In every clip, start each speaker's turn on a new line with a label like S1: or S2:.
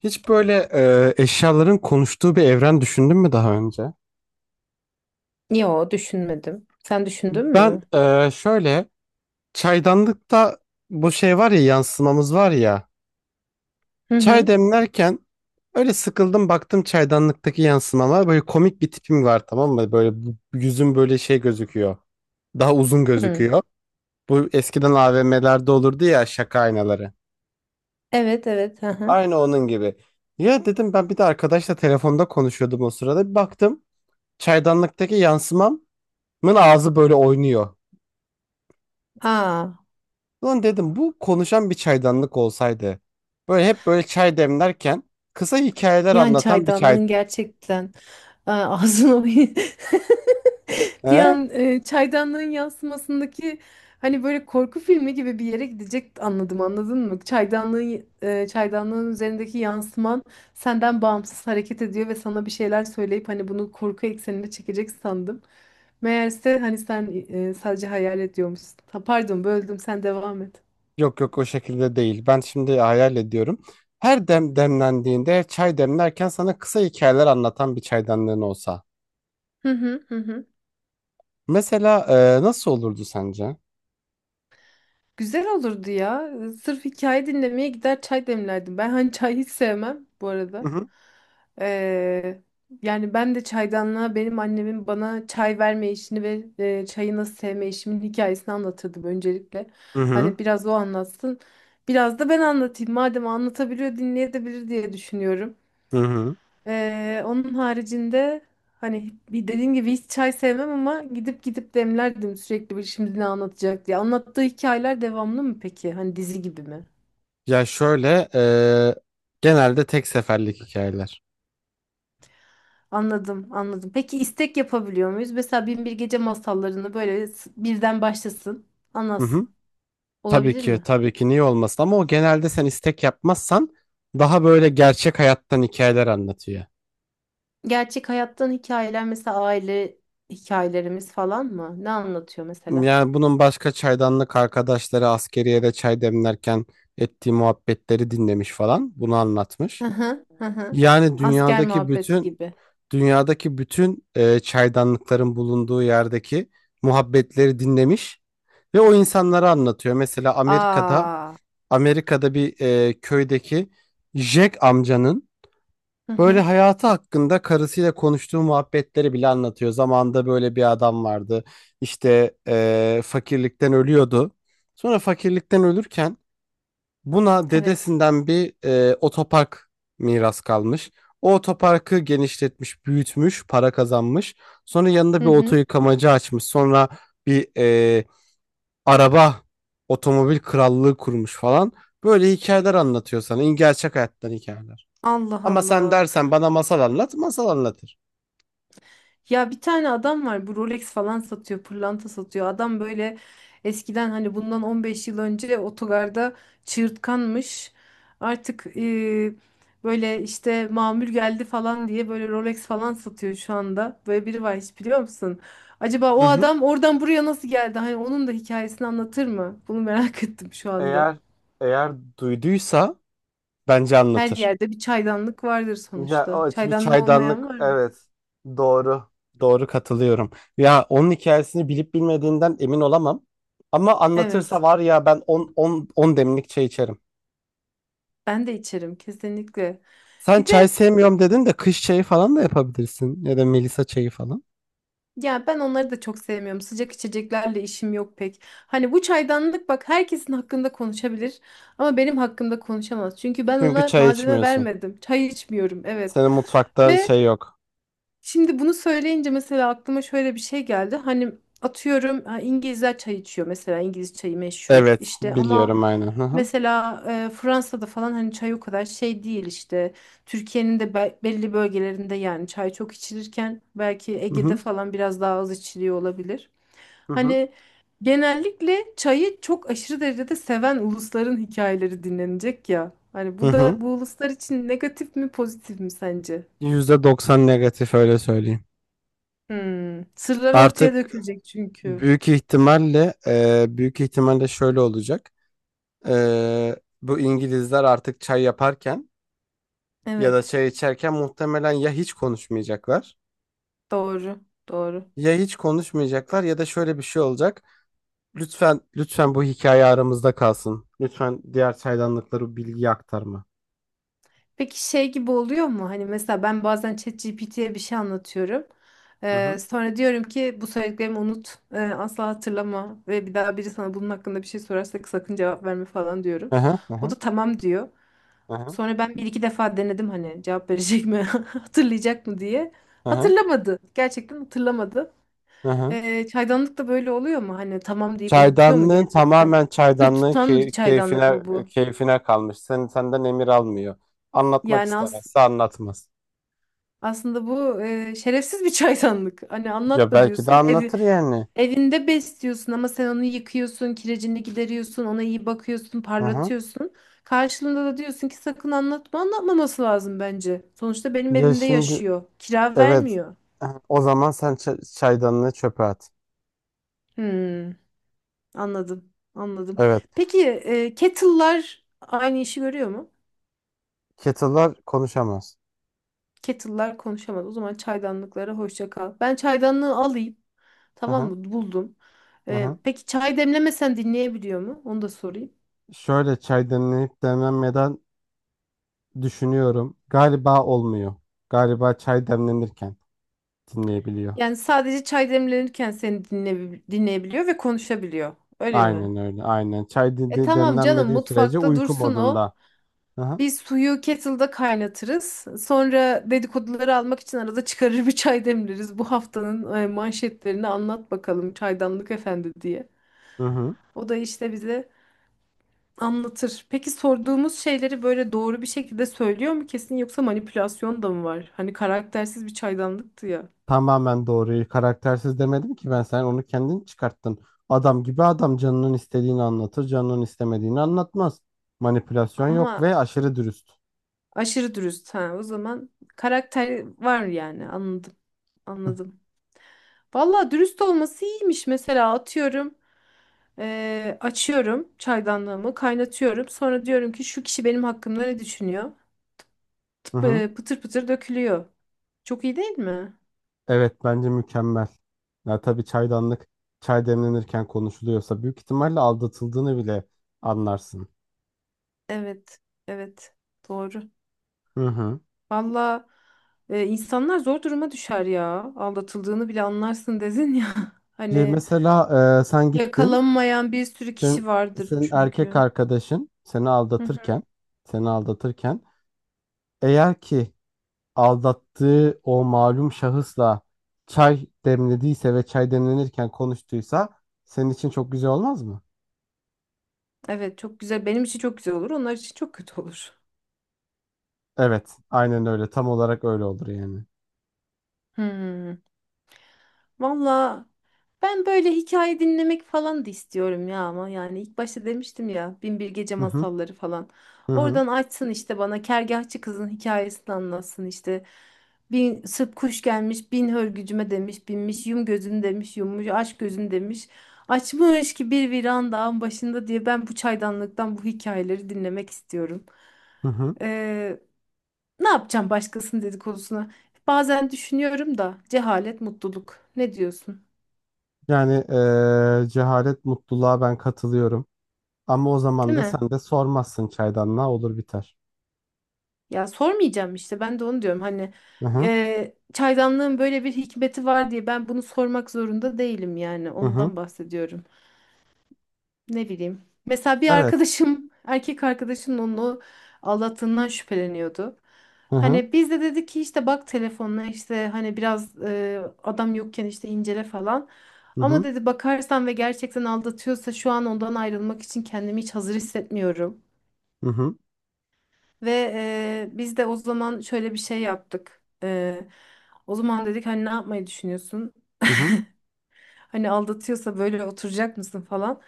S1: Hiç böyle eşyaların konuştuğu bir evren düşündün mü daha önce?
S2: Yo, düşünmedim. Sen düşündün
S1: Ben
S2: mü?
S1: şöyle çaydanlıkta bu şey var ya yansımamız var ya.
S2: Hı
S1: Çay
S2: hı.
S1: demlerken öyle sıkıldım baktım çaydanlıktaki yansımama böyle komik bir tipim var, tamam mı? Böyle yüzüm böyle şey gözüküyor. Daha uzun
S2: Hı.
S1: gözüküyor. Bu eskiden AVM'lerde olurdu ya, şaka aynaları.
S2: Evet, evet. Hı hı.
S1: Aynı onun gibi. Ya dedim, ben bir de arkadaşla telefonda konuşuyordum o sırada. Bir baktım çaydanlıktaki yansımam ağzı böyle oynuyor.
S2: Aa.
S1: Lan dedim, bu konuşan bir çaydanlık olsaydı. Böyle hep böyle çay demlerken kısa hikayeler
S2: Yani
S1: anlatan bir çay.
S2: çaydanlığın gerçekten... Aa, ağzına bir bir
S1: He?
S2: an çaydanlığın yansımasındaki hani böyle korku filmi gibi bir yere gidecek, anladım, anladın mı? Çaydanlığın üzerindeki yansıman senden bağımsız hareket ediyor ve sana bir şeyler söyleyip hani bunu korku eksenine çekecek sandım. Meğerse hani sen sadece hayal ediyormuşsun. Ha, pardon böldüm, sen devam et.
S1: Yok, yok, o şekilde değil. Ben şimdi hayal ediyorum. Her dem demlendiğinde, çay demlerken sana kısa hikayeler anlatan bir çaydanlığın olsa.
S2: Hı hı hı. Hı.
S1: Mesela nasıl olurdu sence?
S2: Güzel olurdu ya. Sırf hikaye dinlemeye gider, çay demlerdim. Ben hani çay hiç sevmem bu
S1: Hı
S2: arada.
S1: hı.
S2: Ee, Yani ben de çaydanlığa benim annemin bana çay verme işini ve çayı nasıl sevme işimin hikayesini anlatırdım öncelikle.
S1: Hı hı.
S2: Hani biraz o anlatsın. Biraz da ben anlatayım. Madem anlatabiliyor, dinleyebilir diye düşünüyorum.
S1: Hı hı.
S2: Onun haricinde hani bir dediğim gibi hiç çay sevmem ama gidip gidip demlerdim sürekli, bir şimdi ne anlatacak diye. Anlattığı hikayeler devamlı mı peki? Hani dizi gibi mi?
S1: Ya şöyle, genelde tek seferlik hikayeler.
S2: Anladım, anladım. Peki istek yapabiliyor muyuz? Mesela Bin Bir Gece masallarını böyle birden başlasın,
S1: Hı hı.
S2: anlatsın.
S1: Tabii
S2: Olabilir
S1: ki,
S2: mi?
S1: tabii ki, niye olmasın, ama o genelde sen istek yapmazsan daha böyle gerçek hayattan hikayeler anlatıyor.
S2: Gerçek hayattan hikayeler, mesela aile hikayelerimiz falan mı? Ne anlatıyor mesela?
S1: Yani bunun başka çaydanlık arkadaşları askeriyede çay demlerken ettiği muhabbetleri dinlemiş falan, bunu anlatmış.
S2: Hı hı, hı hı.
S1: Yani
S2: Asker
S1: dünyadaki
S2: muhabbeti
S1: bütün
S2: gibi.
S1: dünyadaki bütün çaydanlıkların bulunduğu yerdeki muhabbetleri dinlemiş ve o insanlara anlatıyor. Mesela
S2: Aa.
S1: Amerika'da bir köydeki Jack amcanın
S2: Hı
S1: böyle
S2: hı.
S1: hayatı hakkında karısıyla konuştuğu muhabbetleri bile anlatıyor. Zamanında böyle bir adam vardı. İşte fakirlikten ölüyordu. Sonra fakirlikten ölürken buna
S2: Evet.
S1: dedesinden bir otopark miras kalmış. O otoparkı genişletmiş, büyütmüş, para kazanmış. Sonra yanında
S2: Hı
S1: bir oto
S2: hı.
S1: yıkamacı açmış. Sonra bir araba, otomobil krallığı kurmuş falan. Böyle hikayeler anlatıyor sana. Gerçek hayattan hikayeler.
S2: Allah
S1: Ama sen
S2: Allah.
S1: dersen bana masal anlat, masal anlatır.
S2: Ya bir tane adam var, bu Rolex falan satıyor, pırlanta satıyor. Adam böyle eskiden, hani bundan 15 yıl önce otogarda çığırtkanmış. Artık böyle işte mamul geldi falan diye böyle Rolex falan satıyor şu anda. Böyle biri var, hiç biliyor musun? Acaba
S1: Hı
S2: o
S1: hı.
S2: adam oradan buraya nasıl geldi? Hani onun da hikayesini anlatır mı? Bunu merak ettim şu anda.
S1: Eğer eğer duyduysa bence
S2: Her
S1: anlatır.
S2: yerde bir çaydanlık vardır
S1: Ya,
S2: sonuçta.
S1: o bir
S2: Çaydanlığı olmayan
S1: çaydanlık,
S2: var mı?
S1: evet. Doğru. Doğru, katılıyorum. Ya onun hikayesini bilip bilmediğinden emin olamam. Ama anlatırsa
S2: Evet,
S1: var ya, ben 10 10 10 demlik çay içerim.
S2: ben de içerim kesinlikle.
S1: Sen
S2: Bir
S1: çay
S2: de
S1: sevmiyorum dedin de, kış çayı falan da yapabilirsin ya da Melisa çayı falan.
S2: ya, ben onları da çok sevmiyorum. Sıcak içeceklerle işim yok pek. Hani bu çaydanlık bak, herkesin hakkında konuşabilir ama benim hakkımda konuşamaz. Çünkü ben
S1: Çünkü
S2: ona
S1: çay
S2: malzeme
S1: içmiyorsun.
S2: vermedim. Çay içmiyorum, evet.
S1: Senin mutfakta
S2: Ve
S1: şey yok.
S2: şimdi bunu söyleyince mesela aklıma şöyle bir şey geldi. Hani atıyorum ha, İngilizler çay içiyor, mesela İngiliz çayı meşhur
S1: Evet,
S2: işte ama
S1: biliyorum, aynen. Hı hı.
S2: mesela Fransa'da falan hani çay o kadar şey değil işte. Türkiye'nin de belli bölgelerinde yani çay çok içilirken belki
S1: Hı
S2: Ege'de
S1: hı.
S2: falan biraz daha az içiliyor olabilir.
S1: Hı hı.
S2: Hani genellikle çayı çok aşırı derecede seven ulusların hikayeleri dinlenecek ya. Hani
S1: Hı
S2: bu
S1: hı.
S2: da bu uluslar için negatif mi pozitif mi sence?
S1: %90 negatif öyle söyleyeyim.
S2: Hmm. Sırlar
S1: Artık
S2: ortaya dökülecek çünkü.
S1: büyük ihtimalle şöyle olacak. Ee, bu İngilizler artık çay yaparken ya da
S2: Evet.
S1: çay içerken muhtemelen
S2: Doğru. Doğru.
S1: ya hiç konuşmayacaklar ya da şöyle bir şey olacak. Lütfen, lütfen, bu hikaye aramızda kalsın. Lütfen diğer çaydanlıklara bilgi aktarma.
S2: Peki şey gibi oluyor mu? Hani mesela ben bazen ChatGPT'ye bir şey anlatıyorum.
S1: Hı hı.
S2: Sonra diyorum ki bu söylediklerimi unut. Asla hatırlama. Ve bir daha biri sana bunun hakkında bir şey sorarsa sakın cevap verme falan diyorum.
S1: Hı hı
S2: O
S1: hı
S2: da tamam diyor.
S1: hı hı
S2: Sonra ben bir iki defa denedim, hani cevap verecek mi? Hatırlayacak mı diye.
S1: hı hı hı.
S2: Hatırlamadı. Gerçekten hatırlamadı.
S1: Hı.
S2: Çaydanlık da böyle oluyor mu? Hani tamam deyip unutuyor mu
S1: Çaydanlığın
S2: gerçekten?
S1: tamamen
S2: Sır
S1: çaydanlığın
S2: tutan bir
S1: key-
S2: çaydanlık
S1: keyfine
S2: mı bu?
S1: keyfine kalmış. Senden emir almıyor. Anlatmak
S2: Yani
S1: istemezse anlatmaz.
S2: aslında bu şerefsiz bir çaydanlık. Hani
S1: Ya
S2: anlatma
S1: belki de
S2: diyorsun.
S1: anlatır yani.
S2: Evinde besliyorsun ama sen onu yıkıyorsun, kirecini gideriyorsun, ona iyi bakıyorsun,
S1: Hı hı.
S2: parlatıyorsun. Karşılığında da diyorsun ki sakın anlatma. Anlatmaması lazım bence. Sonuçta benim
S1: Ya
S2: evimde
S1: şimdi
S2: yaşıyor. Kira
S1: Evet.
S2: vermiyor.
S1: O zaman sen çaydanlığı çöpe at.
S2: Hmm, Anladım. Anladım.
S1: Evet.
S2: Peki kettle'lar aynı işi görüyor mu?
S1: Kettle'lar konuşamaz.
S2: Kettle'lar konuşamaz. O zaman çaydanlıklara hoşça kal. Ben çaydanlığı alayım.
S1: Hı
S2: Tamam
S1: hı.
S2: mı? Buldum.
S1: Hı hı.
S2: Peki çay demlemesen dinleyebiliyor mu? Onu da sorayım.
S1: Şöyle, çay demlenip demlenmeden düşünüyorum. Galiba olmuyor. Galiba çay demlenirken dinleyebiliyor.
S2: Yani sadece çay demlenirken seni dinle, dinleyebiliyor ve konuşabiliyor. Öyle mi?
S1: Aynen öyle. Aynen. Çay
S2: E tamam canım,
S1: demlenmediği sürece
S2: mutfakta
S1: uyku
S2: dursun o.
S1: modunda. Aha,
S2: Biz suyu kettle'da kaynatırız. Sonra dedikoduları almak için arada çıkarır bir çay demleriz. Bu haftanın manşetlerini anlat bakalım çaydanlık efendi diye.
S1: hı hı. Hı.
S2: O da işte bize anlatır. Peki sorduğumuz şeyleri böyle doğru bir şekilde söylüyor mu kesin, yoksa manipülasyon da mı var? Hani karaktersiz bir çaydanlıktı ya.
S1: Tamamen doğruyu, karaktersiz demedim ki ben. Sen onu kendin çıkarttın. Adam gibi adam, canının istediğini anlatır, canının istemediğini anlatmaz. Manipülasyon yok
S2: Ama
S1: ve aşırı dürüst.
S2: aşırı dürüst ha. O zaman karakter var yani. Anladım. Anladım. Valla dürüst olması iyiymiş. Mesela atıyorum, açıyorum çaydanlığımı, kaynatıyorum. Sonra diyorum ki şu kişi benim hakkımda ne düşünüyor?
S1: Hı hı.
S2: Pıtır pıtır dökülüyor. Çok iyi değil mi?
S1: Evet, bence mükemmel. Ya tabii, çaydanlık çay demlenirken konuşuluyorsa büyük ihtimalle aldatıldığını bile anlarsın.
S2: Evet. Evet. Doğru.
S1: Hı hı.
S2: Valla insanlar zor duruma düşer ya. Aldatıldığını bile anlarsın dedin ya.
S1: Ya
S2: Hani
S1: mesela, sen gittin.
S2: yakalanmayan bir sürü
S1: Sen,
S2: kişi vardır
S1: senin erkek
S2: çünkü.
S1: arkadaşın
S2: Hı hı.
S1: seni aldatırken, eğer ki aldattığı o malum şahısla çay demlediyse ve çay demlenirken konuştuysa, senin için çok güzel olmaz mı?
S2: Evet, çok güzel. Benim için çok güzel olur. Onlar için çok kötü olur.
S1: Evet, aynen öyle. Tam olarak öyle olur yani.
S2: Hmm. Valla ben böyle hikaye dinlemek falan da istiyorum ya, ama yani ilk başta demiştim ya, Bin Bir Gece
S1: Hı hı.
S2: masalları falan.
S1: Hı hı.
S2: Oradan açsın işte, bana kergahçı kızın hikayesini anlatsın işte. Bin Sırp kuş gelmiş bin hörgücüme demiş, binmiş, yum gözünü demiş, yummuş, aç gözünü demiş. Açmış ki bir viran dağın başında diye, ben bu çaydanlıktan bu hikayeleri dinlemek istiyorum.
S1: Hı hı.
S2: Ee, Ne yapacağım başkasının dedikodusuna? Bazen düşünüyorum da, cehalet mutluluk. Ne diyorsun?
S1: Yani cehalet mutluluğa ben katılıyorum. Ama o
S2: Değil
S1: zaman da
S2: mi?
S1: sen de sormazsın çaydanlığa, olur biter.
S2: Ya sormayacağım işte, ben de onu diyorum, hani
S1: Hı hı
S2: çaydanlığın böyle bir hikmeti var diye ben bunu sormak zorunda değilim, yani
S1: hı hı.
S2: ondan bahsediyorum. Ne bileyim. Mesela bir
S1: Evet.
S2: arkadaşım erkek arkadaşım onu aldattığından şüpheleniyordu.
S1: Hı hı
S2: Hani biz de dedik ki işte bak, telefonla işte hani biraz adam yokken işte incele falan.
S1: hı
S2: Ama
S1: hı
S2: dedi, bakarsan ve gerçekten aldatıyorsa şu an ondan ayrılmak için kendimi hiç hazır hissetmiyorum.
S1: hı hı
S2: Ve biz de o zaman şöyle bir şey yaptık. O zaman dedik, hani ne yapmayı düşünüyorsun?
S1: hı hı
S2: Hani aldatıyorsa böyle oturacak mısın falan.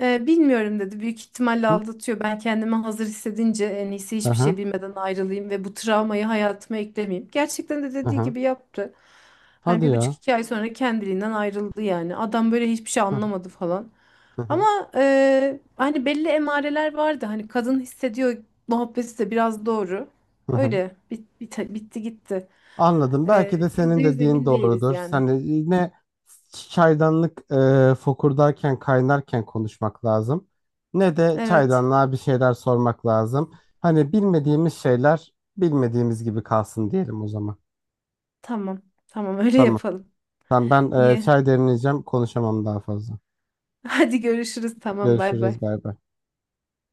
S2: Bilmiyorum dedi. Büyük ihtimalle
S1: hı
S2: aldatıyor. Ben kendimi hazır hissedince en iyisi
S1: hı
S2: hiçbir
S1: hı.
S2: şey bilmeden ayrılayım ve bu travmayı hayatıma eklemeyeyim. Gerçekten de dediği
S1: Hı.
S2: gibi yaptı. Hani
S1: Hadi
S2: bir buçuk
S1: ya.
S2: iki ay sonra kendiliğinden ayrıldı yani. Adam böyle hiçbir şey
S1: Hı hı
S2: anlamadı falan.
S1: hı
S2: Ama
S1: hı
S2: hani belli emareler vardı. Hani kadın hissediyor muhabbeti de biraz doğru.
S1: hı hı.
S2: Öyle bitti gitti.
S1: Anladım. Belki de
S2: Yüzde
S1: senin
S2: yüz
S1: dediğin
S2: emin değiliz
S1: doğrudur.
S2: yani.
S1: Sen de yine çaydanlık fokurdarken, kaynarken konuşmak lazım. Ne de
S2: Evet.
S1: çaydanlığa bir şeyler sormak lazım. Hani bilmediğimiz şeyler bilmediğimiz gibi kalsın diyelim o zaman.
S2: Tamam. Tamam öyle
S1: Tamam.
S2: yapalım.
S1: Tamam, ben
S2: İyi.
S1: çay demleyeceğim. Konuşamam daha fazla.
S2: Hadi görüşürüz. Tamam, bay
S1: Görüşürüz.
S2: bay.
S1: Bay bay.